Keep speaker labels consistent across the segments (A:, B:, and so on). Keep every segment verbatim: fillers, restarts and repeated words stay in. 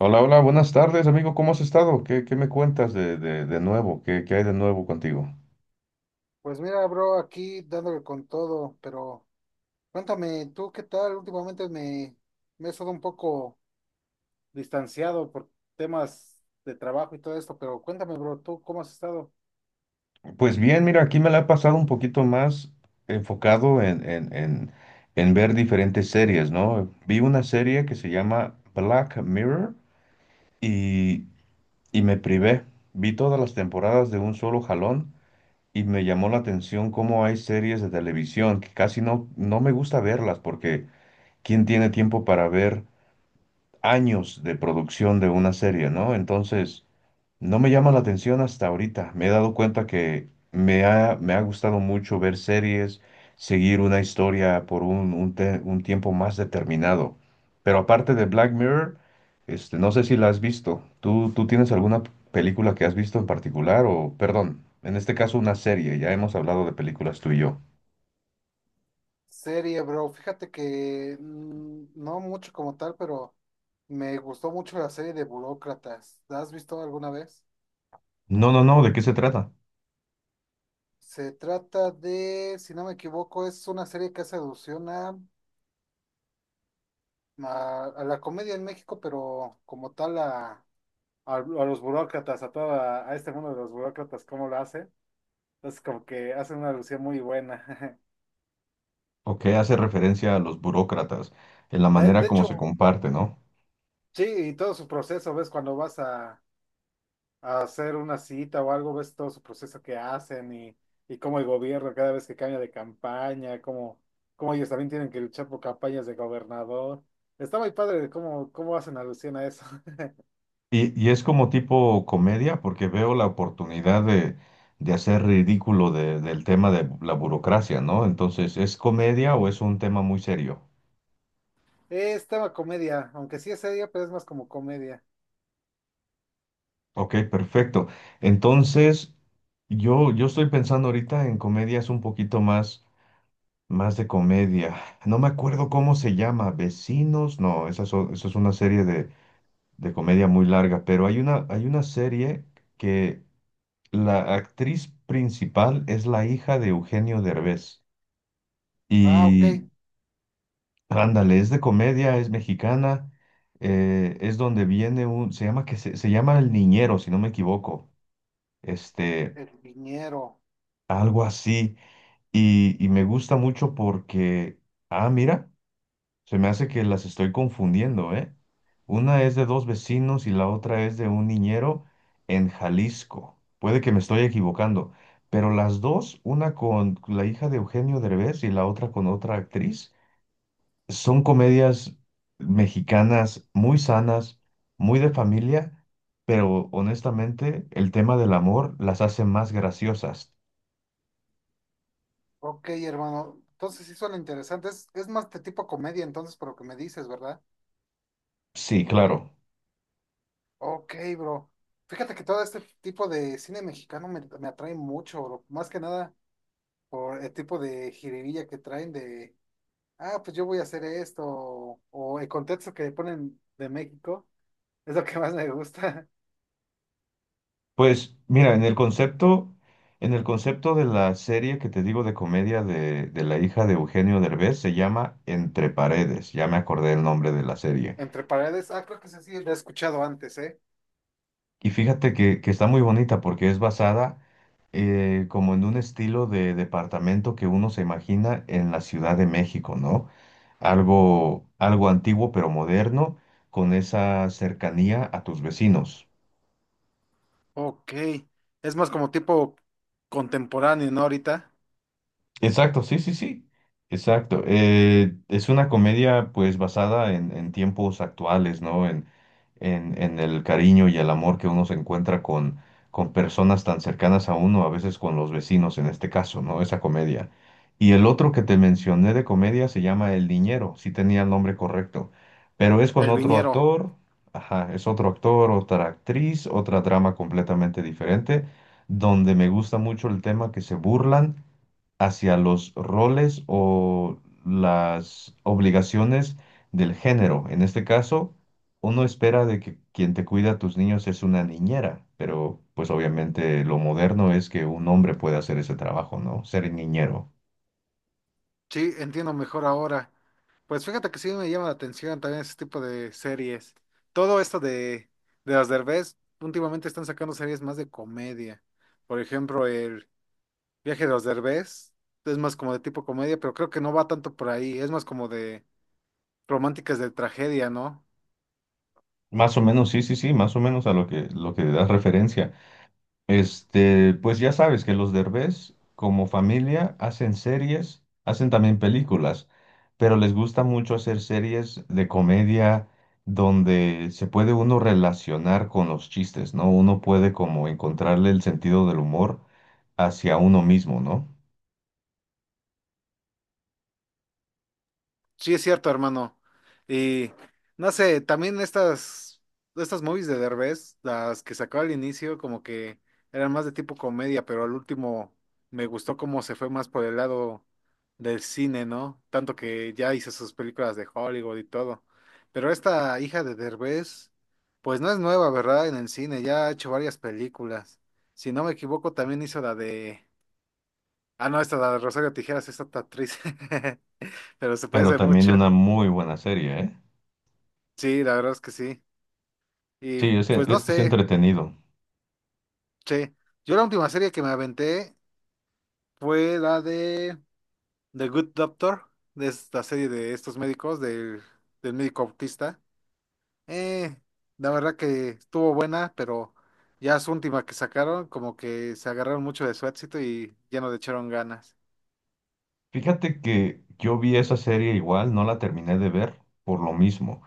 A: Hola, hola, buenas tardes, amigo. ¿Cómo has estado? ¿Qué, qué me cuentas de, de- de nuevo? ¿Qué, qué hay de nuevo contigo?
B: Pues mira, bro, aquí dándole con todo, pero cuéntame, ¿tú qué tal? Últimamente me, me he estado un poco distanciado por temas de trabajo y todo esto, pero cuéntame, bro, ¿tú cómo has estado?
A: Pues bien, mira, aquí me la he pasado un poquito más enfocado en, en, en, en ver diferentes series, ¿no? Vi una serie que se llama Black Mirror y, y me privé. Vi todas las temporadas de un solo jalón y me llamó la atención cómo hay series de televisión que casi no, no me gusta verlas porque ¿quién tiene tiempo para ver años de producción de una serie, ¿no? Entonces, no me llama la atención hasta ahorita. Me he dado cuenta que me ha, me ha gustado mucho ver series, seguir una historia por un, un te- un tiempo más determinado. Pero aparte de Black Mirror, este, no sé si la has visto. ¿Tú, tú tienes alguna película que has visto en particular o, perdón, en este caso una serie? Ya hemos hablado de películas tú y yo.
B: Serie, bro, fíjate que mm, no mucho como tal, pero me gustó mucho la serie de Burócratas. ¿La has visto alguna vez?
A: No, no, no, ¿de qué se trata?
B: Se trata de, si no me equivoco, es una serie que hace alusión a, a, a la comedia en México, pero como tal a a, a los burócratas, a toda, a este mundo de los burócratas, cómo lo hace. Entonces, como que hace una alusión muy buena.
A: ¿O qué hace referencia a los burócratas en la
B: De,
A: manera
B: de
A: como se
B: hecho,
A: comparte, ¿no?
B: sí, y todo su proceso, ves, cuando vas a, a hacer una cita o algo, ves todo su proceso que hacen y, y cómo el gobierno cada vez que cambia de campaña, cómo, cómo ellos también tienen que luchar por campañas de gobernador. Está muy padre de cómo, cómo hacen alusión a eso.
A: Y, y es como tipo comedia, porque veo la oportunidad de, de hacer ridículo de- del tema de la burocracia, ¿no? Entonces, ¿es comedia o es un tema muy serio?
B: Es tema comedia, aunque sí es seria, pero es más como comedia.
A: Ok, perfecto. Entonces, yo, yo estoy pensando ahorita en comedias un poquito más, más de comedia. No me acuerdo cómo se llama, Vecinos, no, esa es, o- esa es una serie de, de comedia muy larga, pero hay una, hay una serie que la actriz principal es la hija de Eugenio Derbez.
B: Ah, ok,
A: Y ándale, es de comedia, es mexicana, eh, es donde viene un, se llama que se, se llama El Niñero, si no me equivoco, este,
B: el viñero.
A: algo así. Y, y me gusta mucho porque, ah, mira, se me hace que las estoy confundiendo, ¿eh? Una es de dos vecinos y la otra es de un niñero en Jalisco. Puede que me estoy equivocando, pero las dos, una con la hija de Eugenio Derbez y la otra con otra actriz. Son comedias mexicanas muy sanas, muy de familia, pero honestamente el tema del amor las hace más graciosas.
B: Ok, hermano. Entonces sí suena interesante. Es, es más de tipo comedia, entonces, por lo que me dices, ¿verdad?
A: Sí, claro.
B: Ok, bro. Fíjate que todo este tipo de cine mexicano me, me atrae mucho, bro. Más que nada por el tipo de jiribilla que traen de, ah, pues yo voy a hacer esto, o, o el contexto que ponen de México, es lo que más me gusta.
A: Pues mira, en el concepto, en el concepto de la serie que te digo de comedia de, de la hija de Eugenio Derbez se llama Entre Paredes, ya me acordé el nombre de la serie.
B: Entre paredes, ah, creo que ese sí lo he escuchado antes, ¿eh?
A: Y fíjate que, que está muy bonita porque es basada eh, como en un estilo de departamento que uno se imagina en la Ciudad de México, ¿no? Algo, algo antiguo pero moderno, con esa cercanía a tus vecinos.
B: Ok, es más como tipo contemporáneo, ¿no? Ahorita,
A: Exacto, sí, sí, sí, exacto. Eh, es una comedia pues basada en, en tiempos actuales, ¿no? En, en, en el cariño y el amor que uno se encuentra con, con personas tan cercanas a uno, a veces con los vecinos en este caso, ¿no? Esa comedia. Y el otro que te mencioné de comedia se llama El Niñero, sí tenía el nombre correcto, pero es con
B: el
A: otro
B: viñero.
A: actor, ajá, es otro actor, otra actriz, otra trama completamente diferente, donde me gusta mucho el tema que se burlan hacia los roles o las obligaciones del género. En este caso, uno espera de que quien te cuida a tus niños es una niñera, pero pues obviamente lo moderno es que un hombre puede hacer ese trabajo, ¿no? Ser niñero.
B: Sí, entiendo mejor ahora. Pues fíjate que sí me llama la atención también ese tipo de series. Todo esto de, de los Derbez, últimamente están sacando series más de comedia. Por ejemplo, el viaje de los Derbez es más como de tipo comedia, pero creo que no va tanto por ahí. Es más como de románticas de tragedia, ¿no?
A: Más o menos, sí, sí, sí, más o menos a lo que, lo que das referencia. Este, pues ya sabes que los Derbez, como familia, hacen series, hacen también películas, pero les gusta mucho hacer series de comedia donde se puede uno relacionar con los chistes, ¿no? Uno puede como encontrarle el sentido del humor hacia uno mismo, ¿no?
B: Sí, es cierto, hermano. Y no sé, también estas, estas movies de Derbez, las que sacó al inicio, como que eran más de tipo comedia, pero al último me gustó cómo se fue más por el lado del cine, ¿no? Tanto que ya hizo sus películas de Hollywood y todo. Pero esta hija de Derbez, pues no es nueva, ¿verdad? En el cine, ya ha hecho varias películas. Si no me equivoco, también hizo la de... Ah, no, esta la de Rosario Tijeras, esta actriz, pero se
A: Pero
B: parece
A: también
B: mucho.
A: una muy buena serie, ¿eh?
B: Sí, la verdad es que sí. Y
A: Sí, es,
B: pues no
A: e- es
B: sé,
A: entretenido.
B: che. Yo la última serie que me aventé fue la de The Good Doctor, de esta serie de estos médicos, del, del médico autista. Eh, la verdad que estuvo buena, pero ya su última que sacaron, como que se agarraron mucho de su éxito y ya no le echaron ganas.
A: Fíjate que yo vi esa serie igual, no la terminé de ver por lo mismo.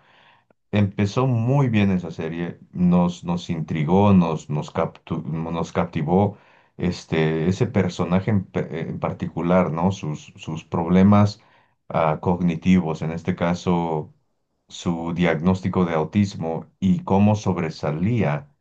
A: Empezó muy bien esa serie, nos, nos intrigó, nos, nos, captu- nos captivó este, ese personaje en, pe- eh, en particular, ¿no? Sus, sus problemas ah, cognitivos, en este caso su diagnóstico de autismo y cómo sobresalía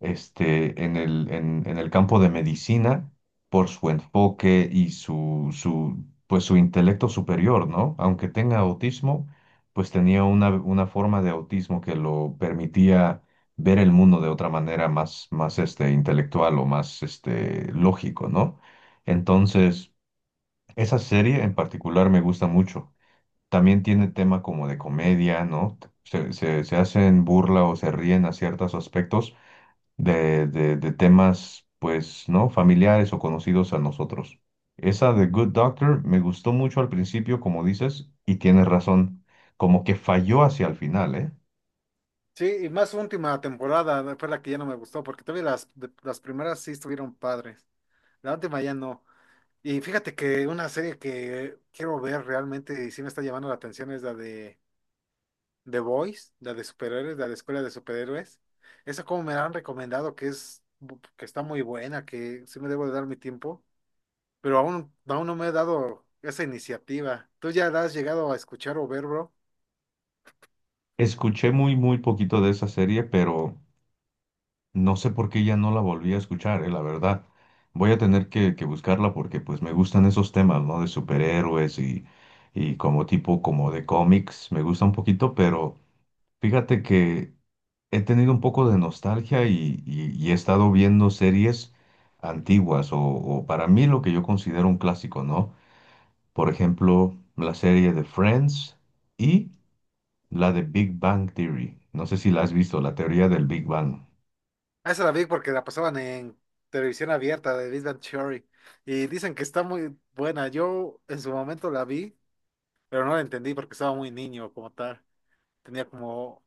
A: este, en el, en, en el campo de medicina por su enfoque y su, su, pues, su intelecto superior, ¿no? Aunque tenga autismo pues tenía una, una forma de autismo que lo permitía ver el mundo de otra manera más, más este, intelectual o más este, lógico, ¿no? Entonces, esa serie en particular me gusta mucho. También tiene tema como de comedia, ¿no? Se, se, se hacen burla o se ríen a ciertos aspectos, de, de- de temas, pues, ¿no? Familiares o conocidos a nosotros. Esa de Good Doctor me gustó mucho al principio, como dices, y tienes razón, como que falló hacia el final, ¿eh?
B: Sí, y más su última temporada fue la que ya no me gustó, porque todavía las, de- las primeras sí estuvieron padres. La última ya no. Y fíjate que una serie que quiero ver realmente y sí me está llamando la atención es la de The Boys, la de superhéroes, la de Escuela de Superhéroes. Esa como me la han recomendado que es bu- que está muy buena, que sí me debo de dar mi tiempo, pero aún, aún no me he dado esa iniciativa. ¿Tú ya la has llegado a escuchar o ver, bro?
A: Escuché muy, muy poquito de esa serie, pero no sé por qué ya no la volví a escuchar, ¿eh? La verdad. Voy a tener que, que buscarla porque pues me gustan esos temas, ¿no? De superhéroes y, y como tipo como de cómics, me gusta un poquito, pero fíjate que he tenido un poco de nostalgia y, y- y he estado viendo series antiguas o, o para mí lo que yo considero un clásico, ¿no? Por ejemplo, la serie de Friends y la de Big Bang Theory. No sé si la has visto, la teoría del Big Bang.
B: Ah, esa la vi porque la pasaban en televisión abierta de Big Bang Theory y dicen que está muy buena. Yo en su momento la vi, pero no la entendí porque estaba muy niño como tal. Tenía como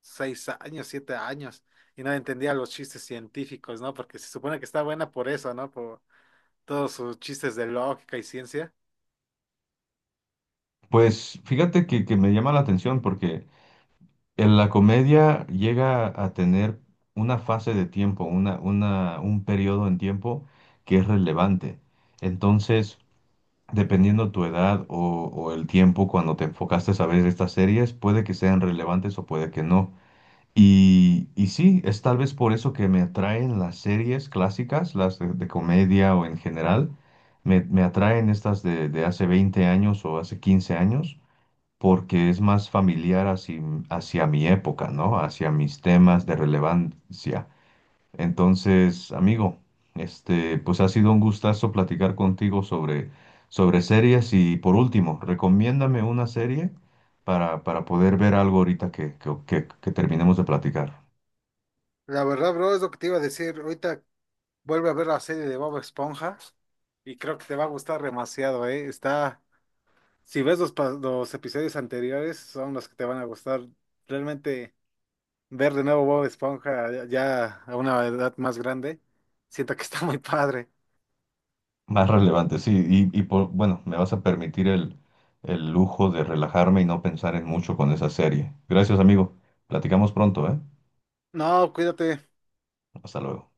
B: seis años, siete años, y no entendía los chistes científicos, ¿no? Porque se supone que está buena por eso, ¿no? Por todos sus chistes de lógica y ciencia.
A: Pues fíjate que, que me llama la atención porque en la comedia llega a tener una fase de tiempo, una, una, un periodo en tiempo que es relevante. Entonces, dependiendo tu edad o, o el tiempo cuando te enfocaste a ver estas series, puede que sean relevantes o puede que no. Y, y sí, es tal vez por eso que me atraen las series clásicas, las de, de comedia o en general. Me, me atraen estas de, de hace veinte años o hace quince años, porque es más familiar hacia, hacia mi época, ¿no? Hacia mis temas de relevancia. Entonces, amigo, este, pues ha sido un gustazo platicar contigo sobre, sobre series y por último, recomiéndame una serie para, para poder ver algo ahorita que, que, que- que terminemos de platicar.
B: La verdad, bro, es lo que te iba a decir. Ahorita vuelve a ver la serie de Bob Esponja y creo que te va a gustar demasiado, ¿eh? Está, si ves los, pa- los episodios anteriores, son los que te van a gustar. Realmente ver de nuevo Bob Esponja ya ya a una edad más grande, siento que está muy padre.
A: Más relevante, sí, y, y por, bueno, me vas a permitir el, el lujo de relajarme y no pensar en mucho con esa serie. Gracias, amigo. Platicamos pronto, ¿eh?
B: No, cuídate.
A: Hasta luego.